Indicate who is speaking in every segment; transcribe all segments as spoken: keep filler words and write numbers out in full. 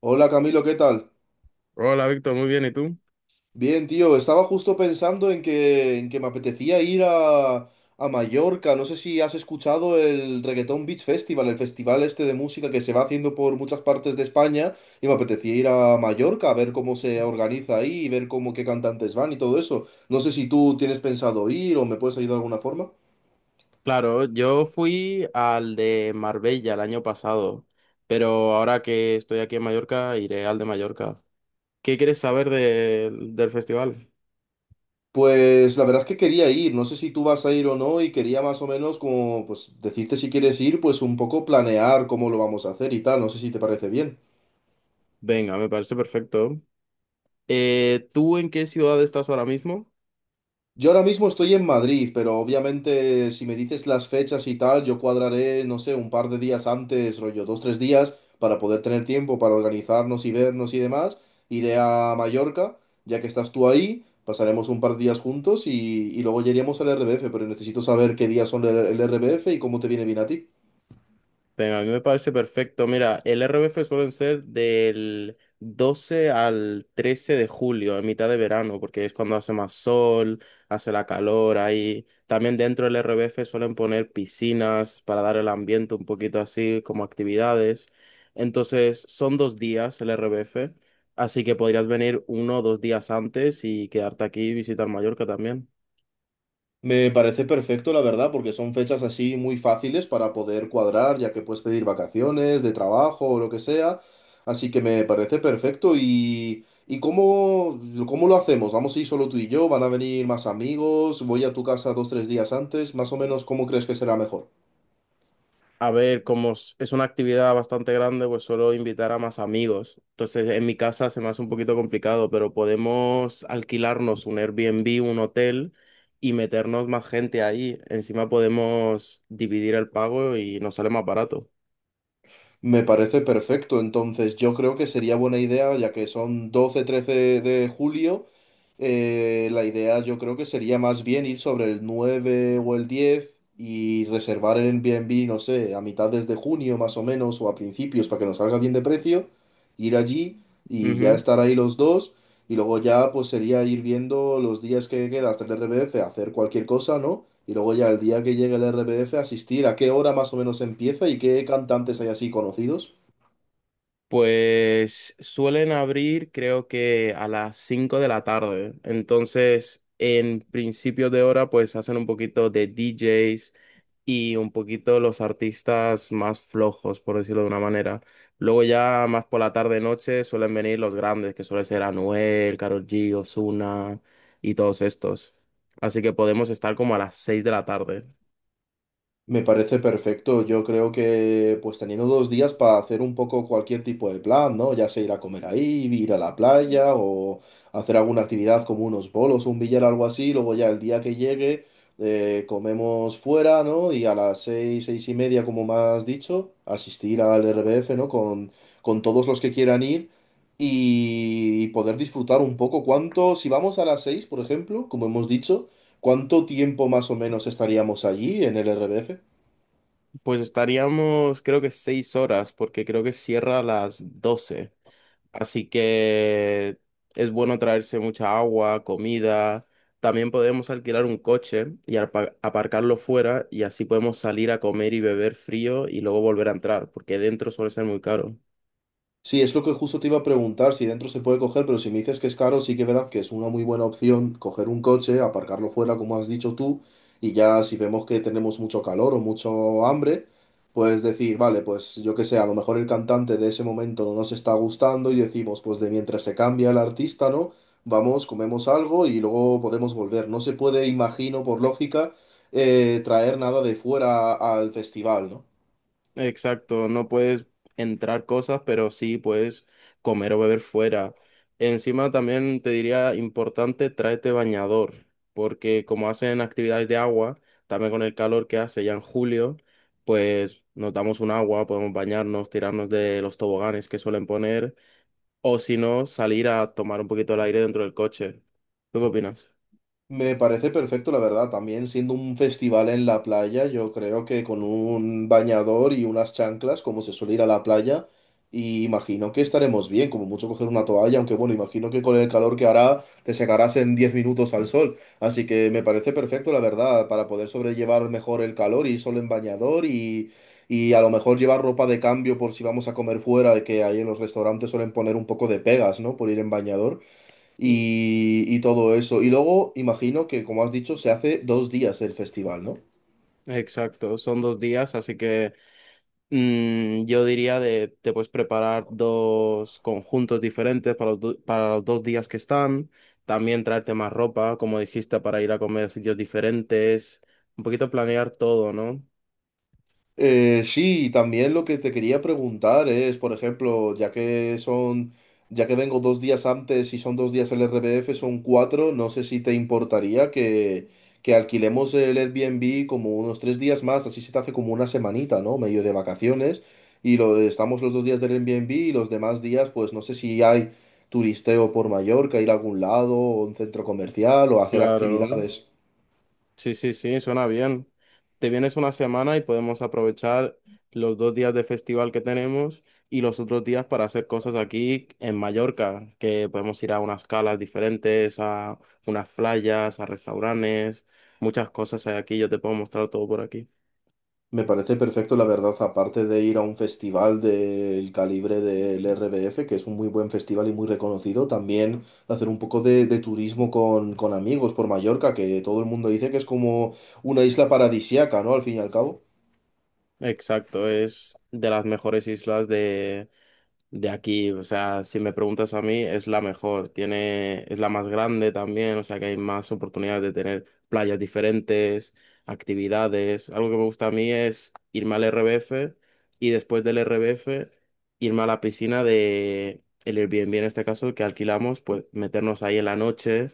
Speaker 1: Hola Camilo, ¿qué tal?
Speaker 2: Hola, Víctor, muy bien, ¿y tú?
Speaker 1: Bien, tío, estaba justo pensando en que, en que me apetecía ir a, a Mallorca. No sé si has escuchado el Reggaeton Beach Festival, el festival este de música que se va haciendo por muchas partes de España, y me apetecía ir a Mallorca a ver cómo se organiza ahí y ver cómo qué cantantes van y todo eso. No sé si tú tienes pensado ir o me puedes ayudar de alguna forma.
Speaker 2: Claro, yo fui al de Marbella el año pasado, pero ahora que estoy aquí en Mallorca, iré al de Mallorca. ¿Qué quieres saber del del festival?
Speaker 1: Pues la verdad es que quería ir, no sé si tú vas a ir o no y quería más o menos como pues decirte si quieres ir, pues un poco planear cómo lo vamos a hacer y tal, no sé si te parece bien.
Speaker 2: Venga, me parece perfecto. Eh, ¿tú en qué ciudad estás ahora mismo?
Speaker 1: Yo ahora mismo estoy en Madrid, pero obviamente si me dices las fechas y tal, yo cuadraré, no sé, un par de días antes, rollo, dos, tres días, para poder tener tiempo para organizarnos y vernos y demás. Iré a Mallorca, ya que estás tú ahí, pasaremos un par de días juntos y, y luego ya iríamos al R B F, pero necesito saber qué días son el, el R B F y cómo te viene bien a ti.
Speaker 2: Venga, a mí me parece perfecto. Mira, el R B F suelen ser del doce al trece de julio, en mitad de verano, porque es cuando hace más sol, hace la calor ahí. También dentro del R B F suelen poner piscinas para dar el ambiente un poquito así, como actividades. Entonces, son dos días el R B F, así que podrías venir uno o dos días antes y quedarte aquí y visitar Mallorca también.
Speaker 1: Me parece perfecto, la verdad, porque son fechas así muy fáciles para poder cuadrar, ya que puedes pedir vacaciones, de trabajo o lo que sea. Así que me parece perfecto. ¿Y y cómo, cómo lo hacemos? ¿Vamos a ir solo tú y yo? ¿Van a venir más amigos? ¿Voy a tu casa dos, tres días antes? Más o menos, ¿cómo crees que será mejor?
Speaker 2: A ver, como s- es una actividad bastante grande, pues suelo invitar a más amigos. Entonces, en mi casa se me hace un poquito complicado, pero podemos alquilarnos un Airbnb, un hotel y meternos más gente ahí. Encima podemos dividir el pago y nos sale más barato.
Speaker 1: Me parece perfecto. Entonces, yo creo que sería buena idea, ya que son doce trece de julio. Eh, la idea yo creo que sería más bien ir sobre el nueve o el diez y reservar el Airbnb, no sé, a mitades de junio más o menos o a principios para que nos salga bien de precio, ir allí y ya
Speaker 2: Ujú.
Speaker 1: estar ahí los dos y luego ya pues sería ir viendo los días que queda hasta el R B F, hacer cualquier cosa, ¿no? Y luego ya el día que llegue el R B F asistir a qué hora más o menos empieza y qué cantantes hay así conocidos.
Speaker 2: Pues suelen abrir creo que a las cinco de la tarde. Entonces, en principios de hora, pues hacen un poquito de D Js y un poquito los artistas más flojos, por decirlo de una manera. Luego ya más por la tarde noche suelen venir los grandes, que suele ser Anuel, Karol G, Ozuna y todos estos. Así que podemos estar como a las seis de la tarde.
Speaker 1: Me parece perfecto. Yo creo que pues teniendo dos días para hacer un poco cualquier tipo de plan, ¿no? Ya sea ir a comer ahí, ir a la playa o hacer alguna actividad como unos bolos, un billar, algo así. Luego ya el día que llegue eh, comemos fuera, ¿no? Y a las seis, seis y media, como me has dicho, asistir al R B F, ¿no? Con, con todos los que quieran ir y poder disfrutar un poco. ¿Cuánto, si vamos a las seis, por ejemplo, como hemos dicho, cuánto tiempo más o menos estaríamos allí en el R B F?
Speaker 2: Pues estaríamos creo que seis horas, porque creo que cierra a las doce. Así que es bueno traerse mucha agua, comida. También podemos alquilar un coche y arpa- aparcarlo fuera y así podemos salir a comer y beber frío y luego volver a entrar, porque dentro suele ser muy caro.
Speaker 1: Sí, es lo que justo te iba a preguntar, si dentro se puede coger, pero si me dices que es caro, sí que verás que es una muy buena opción coger un coche, aparcarlo fuera, como has dicho tú, y ya si vemos que tenemos mucho calor o mucho hambre, pues decir, vale, pues yo que sé, a lo mejor el cantante de ese momento no nos está gustando y decimos, pues de mientras se cambia el artista, ¿no? Vamos, comemos algo y luego podemos volver. No se puede, imagino, por lógica, eh, traer nada de fuera al festival, ¿no?
Speaker 2: Exacto, no puedes entrar cosas, pero sí puedes comer o beber fuera. Encima también te diría importante, tráete bañador, porque como hacen actividades de agua, también con el calor que hace ya en julio, pues nos damos un agua, podemos bañarnos, tirarnos de los toboganes que suelen poner, o si no, salir a tomar un poquito el aire dentro del coche. ¿Tú qué opinas?
Speaker 1: Me parece perfecto, la verdad. También siendo un festival en la playa, yo creo que con un bañador y unas chanclas, como se suele ir a la playa, y imagino que estaremos bien, como mucho coger una toalla, aunque bueno, imagino que con el calor que hará te secarás en diez minutos al sol. Así que me parece perfecto, la verdad, para poder sobrellevar mejor el calor, ir solo en bañador y y a lo mejor llevar ropa de cambio por si vamos a comer fuera, que ahí en los restaurantes suelen poner un poco de pegas, ¿no? Por ir en bañador
Speaker 2: Mm.
Speaker 1: y y todo eso. Y luego, imagino que, como has dicho, se hace dos días el festival, ¿no?
Speaker 2: Exacto, son dos días, así que… Mm, yo diría de, te puedes preparar dos conjuntos diferentes para los, do- para los dos días que están. También traerte más ropa, como dijiste, para ir a comer a sitios diferentes. Un poquito planear todo, ¿no?
Speaker 1: Eh, sí, y también lo que te quería preguntar es, por ejemplo, ya que son, ya que vengo dos días antes y son dos días el R B F, son cuatro, no sé si te importaría que, que alquilemos el Airbnb como unos tres días más, así se te hace como una semanita, ¿no? Medio de vacaciones, y lo, estamos los dos días del Airbnb y los demás días, pues no sé si hay turisteo por Mallorca, ir a algún lado, o un centro comercial, o hacer
Speaker 2: Claro.
Speaker 1: actividades.
Speaker 2: Sí, sí, sí, suena bien. Te vienes una semana y podemos aprovechar los dos días de festival que tenemos y los otros días para hacer cosas aquí en Mallorca, que podemos ir a unas calas diferentes, a unas playas, a restaurantes, muchas cosas hay aquí, yo te puedo mostrar todo por aquí.
Speaker 1: Me parece perfecto, la verdad, aparte de ir a un festival del calibre del R B F, que es un muy buen festival y muy reconocido, también hacer un poco de, de turismo con, con amigos por Mallorca, que todo el mundo dice que es como una isla paradisiaca, ¿no? Al fin y al cabo.
Speaker 2: Exacto, es de las mejores islas de aquí. O sea, si me preguntas a mí, es la mejor, tiene, es la más grande también, o sea que hay más oportunidades de tener playas diferentes, actividades. Algo que me gusta a mí es irme al R B F y después del R B F irme a la piscina de el Airbnb en este caso que alquilamos, pues meternos ahí en la noche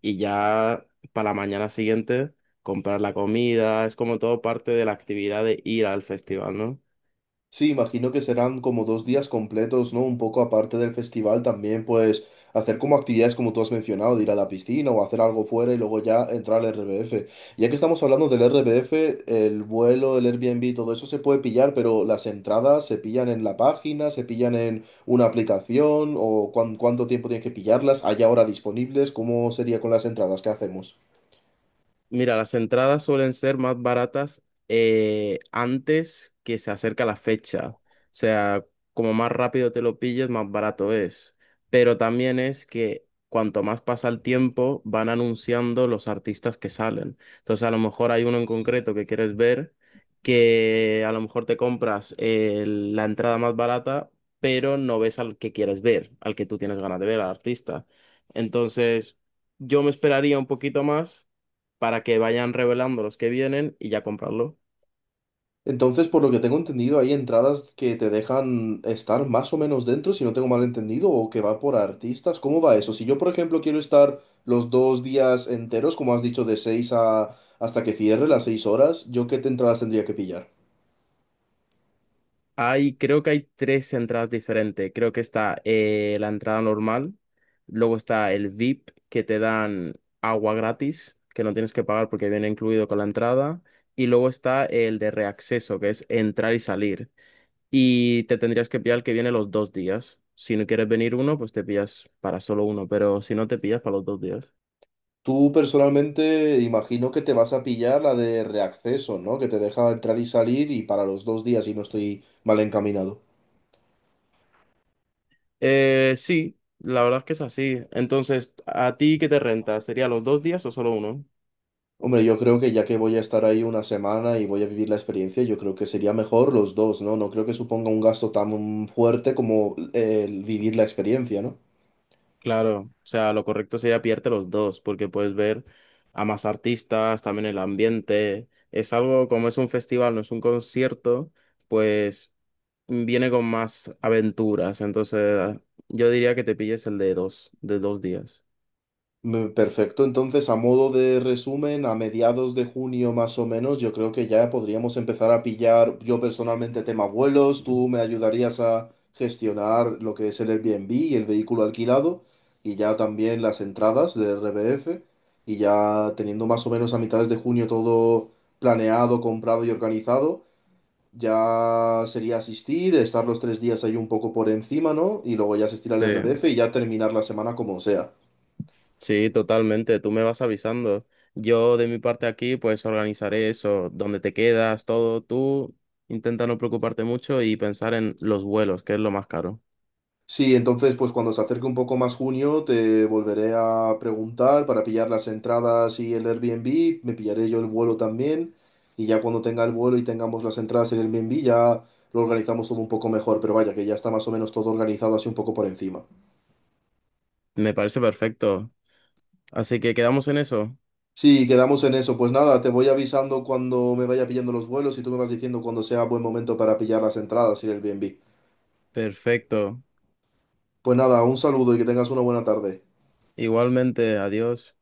Speaker 2: y ya para la mañana siguiente comprar la comida, es como todo parte de la actividad de ir al festival, ¿no?
Speaker 1: Sí, imagino que serán como dos días completos, ¿no? Un poco aparte del festival también, pues hacer como actividades como tú has mencionado, de ir a la piscina o hacer algo fuera y luego ya entrar al R B F. Ya que estamos hablando del R B F, el vuelo, el Airbnb, todo eso se puede pillar, pero las entradas se pillan en la página, se pillan en una aplicación o cuán- cuánto tiempo tienes que pillarlas, hay ahora disponibles, ¿cómo sería con las entradas? ¿Qué hacemos?
Speaker 2: Mira, las entradas suelen ser más baratas eh, antes que se acerca la fecha. O sea, como más rápido te lo pilles, más barato es. Pero también es que cuanto más pasa el tiempo, van anunciando los artistas que salen. Entonces, a lo mejor hay uno en concreto que quieres ver, que a lo mejor te compras eh, la entrada más barata, pero no ves al que quieres ver, al que tú tienes ganas de ver, al artista. Entonces, yo me esperaría un poquito más para que vayan revelando los que vienen y ya comprarlo.
Speaker 1: Entonces, por lo que tengo entendido, hay entradas que te dejan estar más o menos dentro, si no tengo mal entendido, o que va por artistas. ¿Cómo va eso? Si yo, por ejemplo, quiero estar los dos días enteros, como has dicho, de seis a hasta que cierre las seis horas, ¿yo qué te- entradas tendría que pillar?
Speaker 2: Hay, creo que hay tres entradas diferentes. Creo que está eh, la entrada normal, luego está el V I P que te dan agua gratis, que no tienes que pagar porque viene incluido con la entrada, y luego está el de reacceso, que es entrar y salir. Y te tendrías que pillar el que viene los dos días. Si no quieres venir uno, pues te pillas para solo uno, pero si no te pillas para los dos días.
Speaker 1: Tú personalmente imagino que te vas a pillar la de reacceso, ¿no? Que te deja entrar y salir y para los dos días y no estoy mal encaminado.
Speaker 2: Eh, sí, la verdad es que es así. Entonces, ¿a ti qué te renta? ¿Sería los dos días o solo uno?
Speaker 1: Hombre, yo creo que ya que voy a estar ahí una semana y voy a vivir la experiencia, yo creo que sería mejor los dos, ¿no? No creo que suponga un gasto tan fuerte como eh, el vivir la experiencia, ¿no?
Speaker 2: Claro, o sea, lo correcto sería pillarte los dos, porque puedes ver a más artistas, también el ambiente. Es algo como es un festival, no es un concierto, pues viene con más aventuras. Entonces, yo diría que te pilles el de dos, de dos días.
Speaker 1: Me- Perfecto, entonces a modo de resumen, a mediados de junio más o menos, yo creo que ya podríamos empezar a pillar yo personalmente tema vuelos, tú me ayudarías a gestionar lo que es el Airbnb y el vehículo alquilado y ya también las entradas de R B F y ya teniendo más o menos a mitades de junio todo planeado, comprado y organizado, ya sería asistir, estar los tres días ahí un poco por encima, ¿no? Y luego ya asistir al
Speaker 2: Sí.
Speaker 1: R B F y ya terminar la semana como sea.
Speaker 2: Sí, totalmente. Tú me vas avisando. Yo de mi parte aquí, pues organizaré eso, dónde te quedas, todo. Tú intenta no preocuparte mucho y pensar en los vuelos, que es lo más caro.
Speaker 1: Sí, entonces pues cuando se acerque un poco más junio te volveré a preguntar para pillar las entradas y el Airbnb, me pillaré yo el vuelo también y ya cuando tenga el vuelo y tengamos las entradas en el Airbnb ya lo organizamos todo un poco mejor, pero vaya que ya está más o menos todo organizado así un poco por encima.
Speaker 2: Me parece perfecto. Así que quedamos en eso.
Speaker 1: Sí, quedamos en eso, pues nada, te voy avisando cuando me vaya pillando los vuelos y tú me vas diciendo cuando sea buen momento para pillar las entradas y el Airbnb.
Speaker 2: Perfecto.
Speaker 1: Pues nada, un saludo y que tengas una buena tarde.
Speaker 2: Igualmente, adiós.